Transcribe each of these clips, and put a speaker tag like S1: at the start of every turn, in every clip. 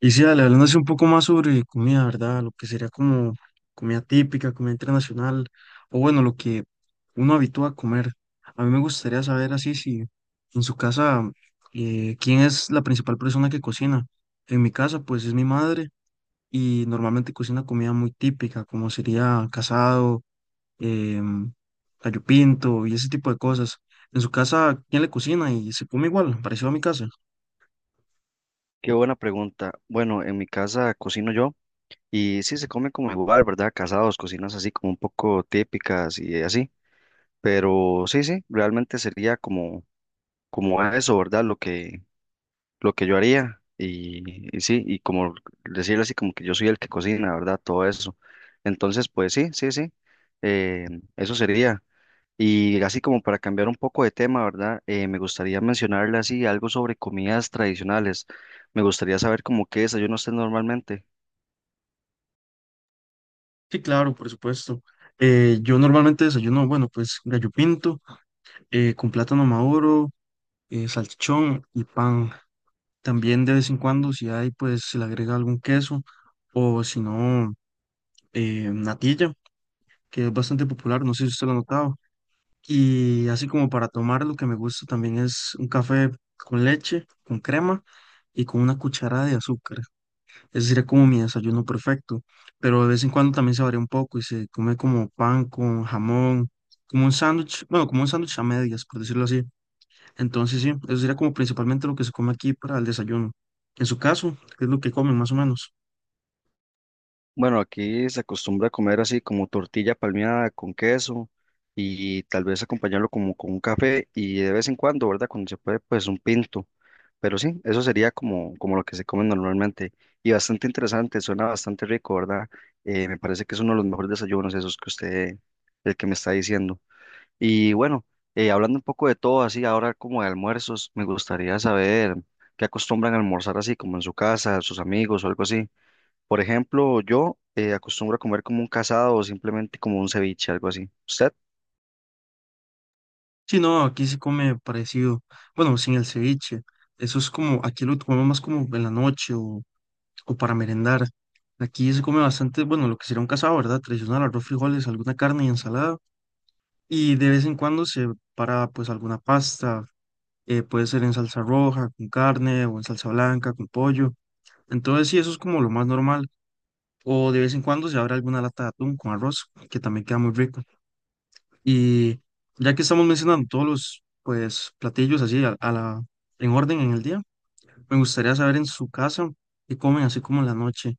S1: Y sí, dale, hablándose un poco más sobre comida, ¿verdad? Lo que sería como comida típica, comida internacional, o bueno, lo que uno habitúa a comer. A mí me gustaría saber así si en su casa, ¿quién es la principal persona que cocina? En mi casa, pues es mi madre y normalmente cocina comida muy típica, como sería casado, em, gallo pinto y ese tipo de cosas. En su casa, ¿quién le cocina y se come igual, parecido a mi casa?
S2: Qué buena pregunta. Bueno, en mi casa cocino yo y sí se come como igual, ¿verdad? Casados, cocinas así como un poco típicas y así. Pero sí, sí, realmente sería como, como a eso, ¿verdad? Lo que yo haría y sí, y como decirle así como que yo soy el que cocina, ¿verdad? Todo eso. Entonces, pues sí, sí, sí. eh, Eso sería. Y así como para cambiar un poco de tema, ¿verdad? Me gustaría mencionarle así algo sobre comidas tradicionales. Me gustaría saber como qué desayuno usted normalmente.
S1: Sí, claro, por supuesto. Yo normalmente desayuno, bueno, pues gallo pinto, con plátano maduro, salchichón y pan. También de vez en cuando, si hay, pues se le agrega algún queso o si no, natilla, que es bastante popular, no sé si usted lo ha notado. Y así como para tomar, lo que me gusta también es un café con leche, con crema y con una cucharada de azúcar. Ese sería como mi desayuno perfecto, pero de vez en cuando también se varía un poco y se come como pan con jamón, como un sándwich, bueno, como un sándwich a medias, por decirlo así. Entonces, sí, eso sería como principalmente lo que se come aquí para el desayuno. En su caso, ¿qué es lo que comen más o menos?
S2: Bueno, aquí se acostumbra a comer así como tortilla palmeada con queso y tal vez acompañarlo como con un café y de vez en cuando, ¿verdad? Cuando se puede, pues un pinto. Pero sí, eso sería como, como lo que se come normalmente. Y bastante interesante, suena bastante rico, ¿verdad? Me parece que es uno de los mejores desayunos esos que usted, el que me está diciendo. Y bueno, hablando un poco de todo, así ahora como de almuerzos, me gustaría saber qué acostumbran a almorzar así como en su casa, sus amigos o algo así. Por ejemplo, yo acostumbro a comer como un casado o simplemente como un ceviche, algo así. ¿Usted?
S1: Sí, no, aquí se come parecido, bueno, sin el ceviche. Eso es como, aquí lo comemos más como en la noche o para merendar. Aquí se come bastante, bueno, lo que sería un casado, ¿verdad? Tradicional, arroz, frijoles, alguna carne y ensalada. Y de vez en cuando se para pues alguna pasta, puede ser en salsa roja, con carne o en salsa blanca, con pollo. Entonces sí, eso es como lo más normal. O de vez en cuando se abre alguna lata de atún con arroz, que también queda muy rico. Y ya que estamos mencionando todos los pues platillos así a la, en orden en el día, me gustaría saber en su casa qué comen así como en la noche.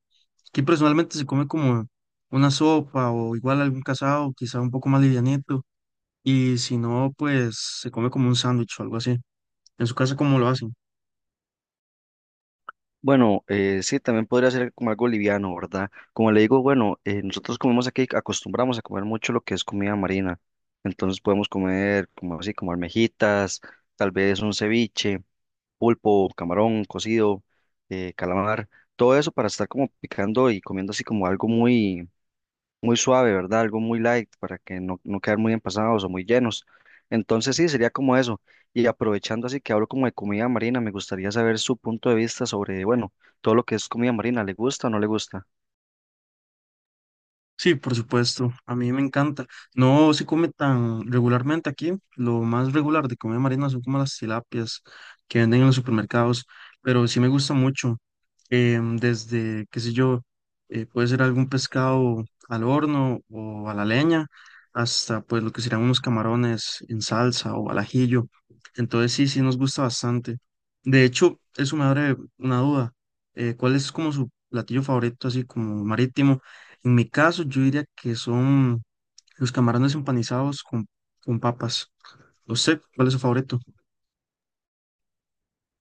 S1: Aquí personalmente se come como una sopa o igual algún casado, quizá un poco más livianito y si no, pues se come como un sándwich o algo así. En su casa, ¿cómo lo hacen?
S2: Bueno, sí, también podría ser como algo liviano, ¿verdad? Como le digo, bueno, nosotros comemos aquí, acostumbramos a comer mucho lo que es comida marina. Entonces podemos comer como así, como almejitas, tal vez un ceviche pulpo, camarón cocido, calamar, todo eso para estar como picando y comiendo así como algo muy, muy suave, ¿verdad? Algo muy light para que no, no quedar muy empasados o muy llenos. Entonces sí, sería como eso. Y aprovechando así que hablo como de comida marina, me gustaría saber su punto de vista sobre, bueno, todo lo que es comida marina, ¿le gusta o no le gusta?
S1: Sí, por supuesto. A mí me encanta. No se come tan regularmente aquí. Lo más regular de comer marina son como las tilapias que venden en los supermercados. Pero sí me gusta mucho. Desde, qué sé yo, puede ser algún pescado al horno o a la leña, hasta pues lo que serían unos camarones en salsa o al ajillo. Entonces sí, sí nos gusta bastante. De hecho, eso me abre una duda. ¿Cuál es como su platillo favorito, así como marítimo? En mi caso, yo diría que son los camarones empanizados con papas. No sé, ¿cuál es su favorito?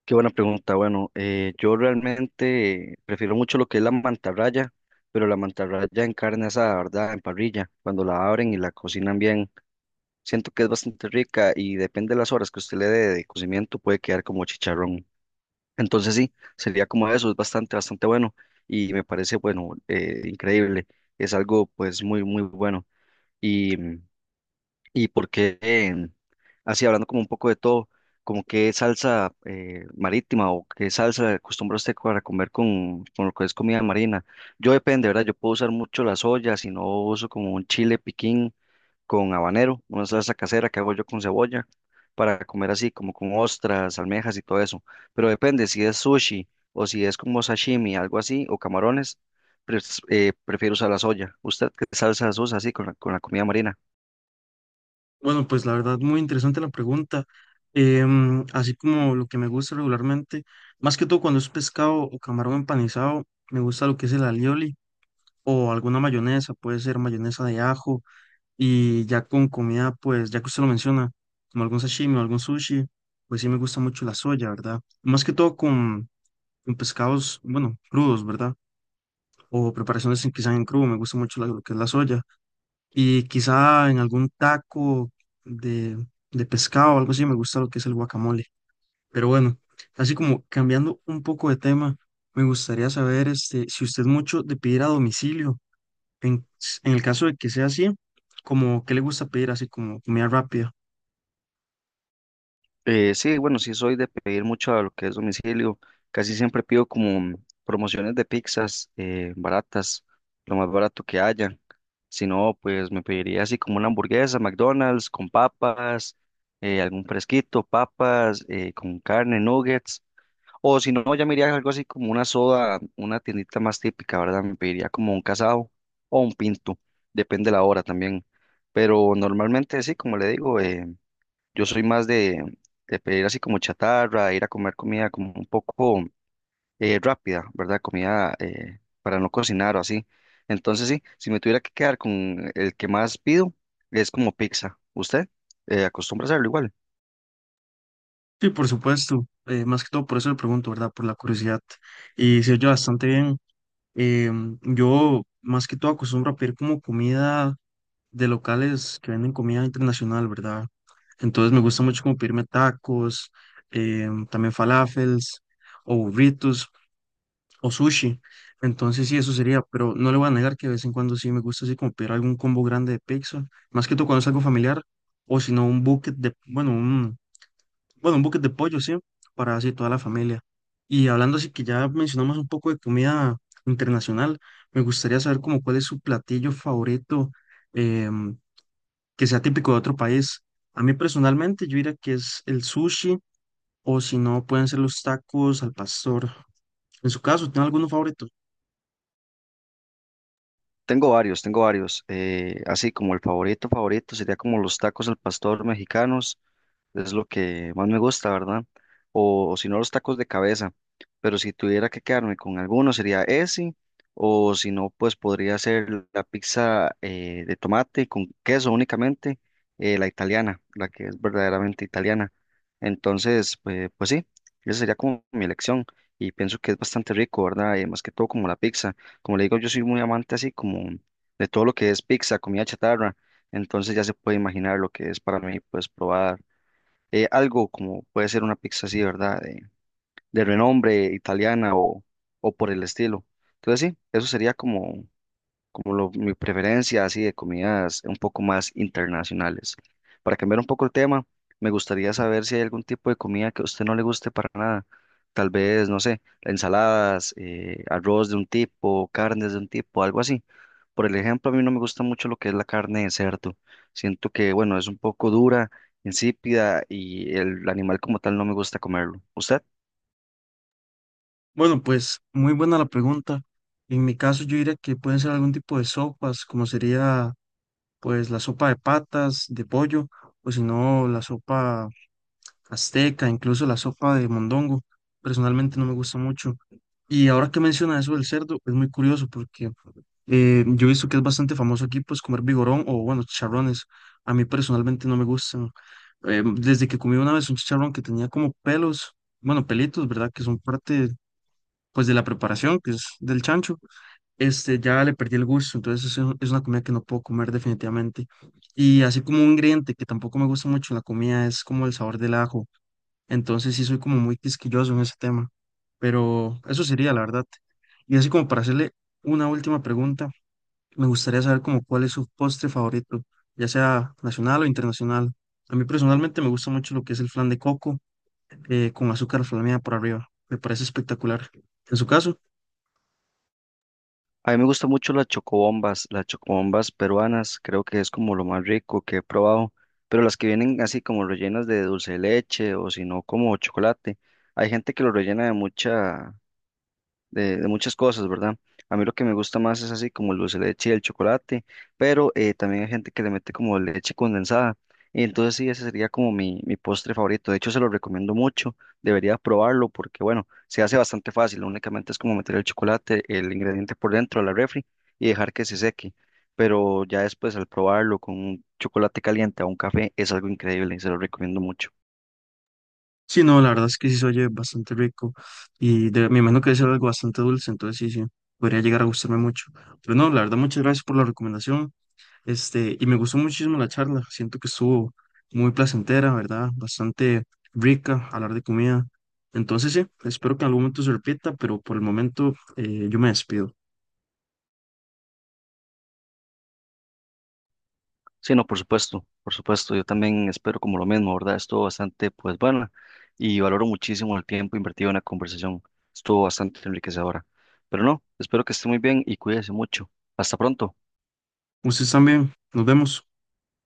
S2: Qué buena pregunta. Bueno, yo realmente prefiero mucho lo que es la mantarraya, pero la mantarraya en carne asada, ¿verdad? En parrilla, cuando la abren y la cocinan bien. Siento que es bastante rica y depende de las horas que usted le dé de cocimiento, puede quedar como chicharrón. Entonces sí, sería como eso, es bastante, bastante bueno y me parece, bueno, increíble. Es algo pues muy, muy bueno. Y, y porque, así hablando como un poco de todo, como qué salsa marítima o qué salsa acostumbra usted para comer con lo que es comida marina. Yo depende, ¿verdad? Yo puedo usar mucho la soya, si no uso como un chile piquín con habanero, una salsa casera que hago yo con cebolla, para comer así como con ostras, almejas y todo eso. Pero depende si es sushi o si es como sashimi, algo así, o camarones, prefiero usar la soya. ¿Usted qué salsas usa así con la comida marina?
S1: Bueno, pues la verdad, muy interesante la pregunta. Así como lo que me gusta regularmente, más que todo cuando es pescado o camarón empanizado, me gusta lo que es el alioli o alguna mayonesa, puede ser mayonesa de ajo y ya con comida, pues ya que usted lo menciona, como algún sashimi o algún sushi, pues sí me gusta mucho la soya, ¿verdad? Más que todo con pescados, bueno, crudos, ¿verdad? O que sean en crudo, me gusta mucho lo que es la soya. Y quizá en algún taco de, de pescado o algo así, me gusta lo que es el guacamole. Pero bueno, así como cambiando un poco de tema, me gustaría saber este, si usted es mucho de pedir a domicilio. En, en el caso de que sea así, como qué le gusta pedir, así como comida rápida.
S2: Sí, bueno, sí soy de pedir mucho a lo que es domicilio. Casi siempre pido como promociones de pizzas baratas, lo más barato que haya. Si no, pues me pediría así como una hamburguesa, McDonald's con papas, algún fresquito, papas con carne, nuggets. O si no, ya me iría algo así como una soda, una tiendita más típica, ¿verdad? Me pediría como un casado o un pinto, depende de la hora también. Pero normalmente sí, como le digo, yo soy más de pedir así como chatarra, ir a comer comida como un poco rápida, ¿verdad? Comida para no cocinar o así. Entonces sí, si me tuviera que quedar con el que más pido, es como pizza. ¿Usted acostumbra a hacerlo igual?
S1: Sí, por supuesto, más que todo por eso le pregunto, ¿verdad? Por la curiosidad. Y se oye bastante bien. Yo más que todo acostumbro a pedir como comida de locales que venden comida internacional, ¿verdad? Entonces me gusta mucho como pedirme tacos, también falafels, o burritos, o sushi. Entonces sí, eso sería, pero no le voy a negar que de vez en cuando sí me gusta así como pedir algún combo grande de pizza, más que todo cuando es algo familiar, o si no un bucket de, bueno, un bucket de pollo, sí, para así toda la familia. Y hablando así que ya mencionamos un poco de comida internacional, me gustaría saber como cuál es su platillo favorito, em, que sea típico de otro país. A mí personalmente yo diría que es el sushi o si no pueden ser los tacos al pastor. En su caso, ¿tiene alguno favorito?
S2: Tengo varios, tengo varios. Así como el favorito, favorito sería como los tacos al pastor mexicanos. Es lo que más me gusta, ¿verdad? O si no, los tacos de cabeza. Pero si tuviera que quedarme con alguno, sería ese. O si no, pues podría ser la pizza de tomate con queso únicamente, la italiana, la que es verdaderamente italiana. Entonces, pues, pues sí, esa sería como mi elección. Y pienso que es bastante rico, ¿verdad? Más que todo como la pizza. Como le digo, yo soy muy amante así como de todo lo que es pizza, comida chatarra. Entonces ya se puede imaginar lo que es para mí, pues probar algo como puede ser una pizza así, ¿verdad? De renombre italiana o por el estilo. Entonces sí, eso sería como, como lo- mi preferencia así de comidas un poco más internacionales. Para cambiar un poco el tema, me gustaría saber si hay algún tipo de comida que a usted no le guste para nada. Tal vez, no sé, ensaladas, arroz de un tipo, carnes de un tipo, algo así. Por el ejemplo, a mí no me gusta mucho lo que es la carne de cerdo. Siento que, bueno, es un poco dura, insípida y el animal como tal no me gusta comerlo. ¿Usted?
S1: Bueno, pues muy buena la pregunta. En mi caso yo diría que pueden ser algún tipo de sopas, como sería pues la sopa de patas, de pollo, o si no la sopa azteca, incluso la sopa de mondongo. Personalmente no me gusta mucho. Y ahora que menciona eso del cerdo, es muy curioso porque yo he visto que es bastante famoso aquí, pues comer vigorón o bueno, chicharrones. A mí personalmente no me gustan. Desde que comí una vez un chicharrón que tenía como pelos, bueno, pelitos, ¿verdad? Que son parte pues de la preparación, que es del chancho, este, ya le perdí el gusto. Entonces es, es una comida que no puedo comer definitivamente. Y así como un ingrediente que tampoco me gusta mucho en la comida es como el sabor del ajo. Entonces sí soy como muy quisquilloso en ese tema. Pero eso sería, la verdad. Y así como para hacerle una última pregunta, me gustaría saber como cuál es su postre favorito, ya sea nacional o internacional. A mí personalmente me gusta mucho lo que es el flan de coco con azúcar flameada por arriba. Me parece espectacular. En su caso,
S2: A mí me gustan mucho las chocobombas peruanas, creo que es como lo más rico que he probado, pero las que vienen así como rellenas de dulce de leche o si no como chocolate. Hay gente que lo rellena de mucha, de muchas cosas, ¿verdad? A mí lo que me gusta más es así como el dulce de leche y el chocolate, pero también hay gente que le mete como leche condensada. Y entonces sí, ese sería como mi postre favorito. De hecho, se lo recomiendo mucho. Debería probarlo porque, bueno, se hace bastante fácil. Únicamente es como meter el chocolate, el ingrediente por dentro a la refri y dejar que se seque. Pero ya después al probarlo con un chocolate caliente o un café es algo increíble y se lo recomiendo mucho.
S1: sí, no, la verdad es que sí se oye bastante rico y de, me imagino que debe ser algo bastante dulce, entonces sí, sí, podría llegar a gustarme mucho. Pero no, la verdad, muchas gracias por la recomendación. Este, y me gustó muchísimo la charla. Siento que estuvo muy placentera, ¿verdad? Bastante rica hablar de comida. Entonces, sí, espero que en algún momento se repita, pero por el momento yo me despido.
S2: Sí, no, por supuesto, por supuesto. Yo también espero como lo mismo, ¿verdad? Estuvo bastante, pues, bueno, y valoro muchísimo el tiempo invertido en la conversación. Estuvo bastante enriquecedora. Pero no, espero que esté muy bien y cuídese mucho. Hasta pronto.
S1: Ustedes también, nos vemos.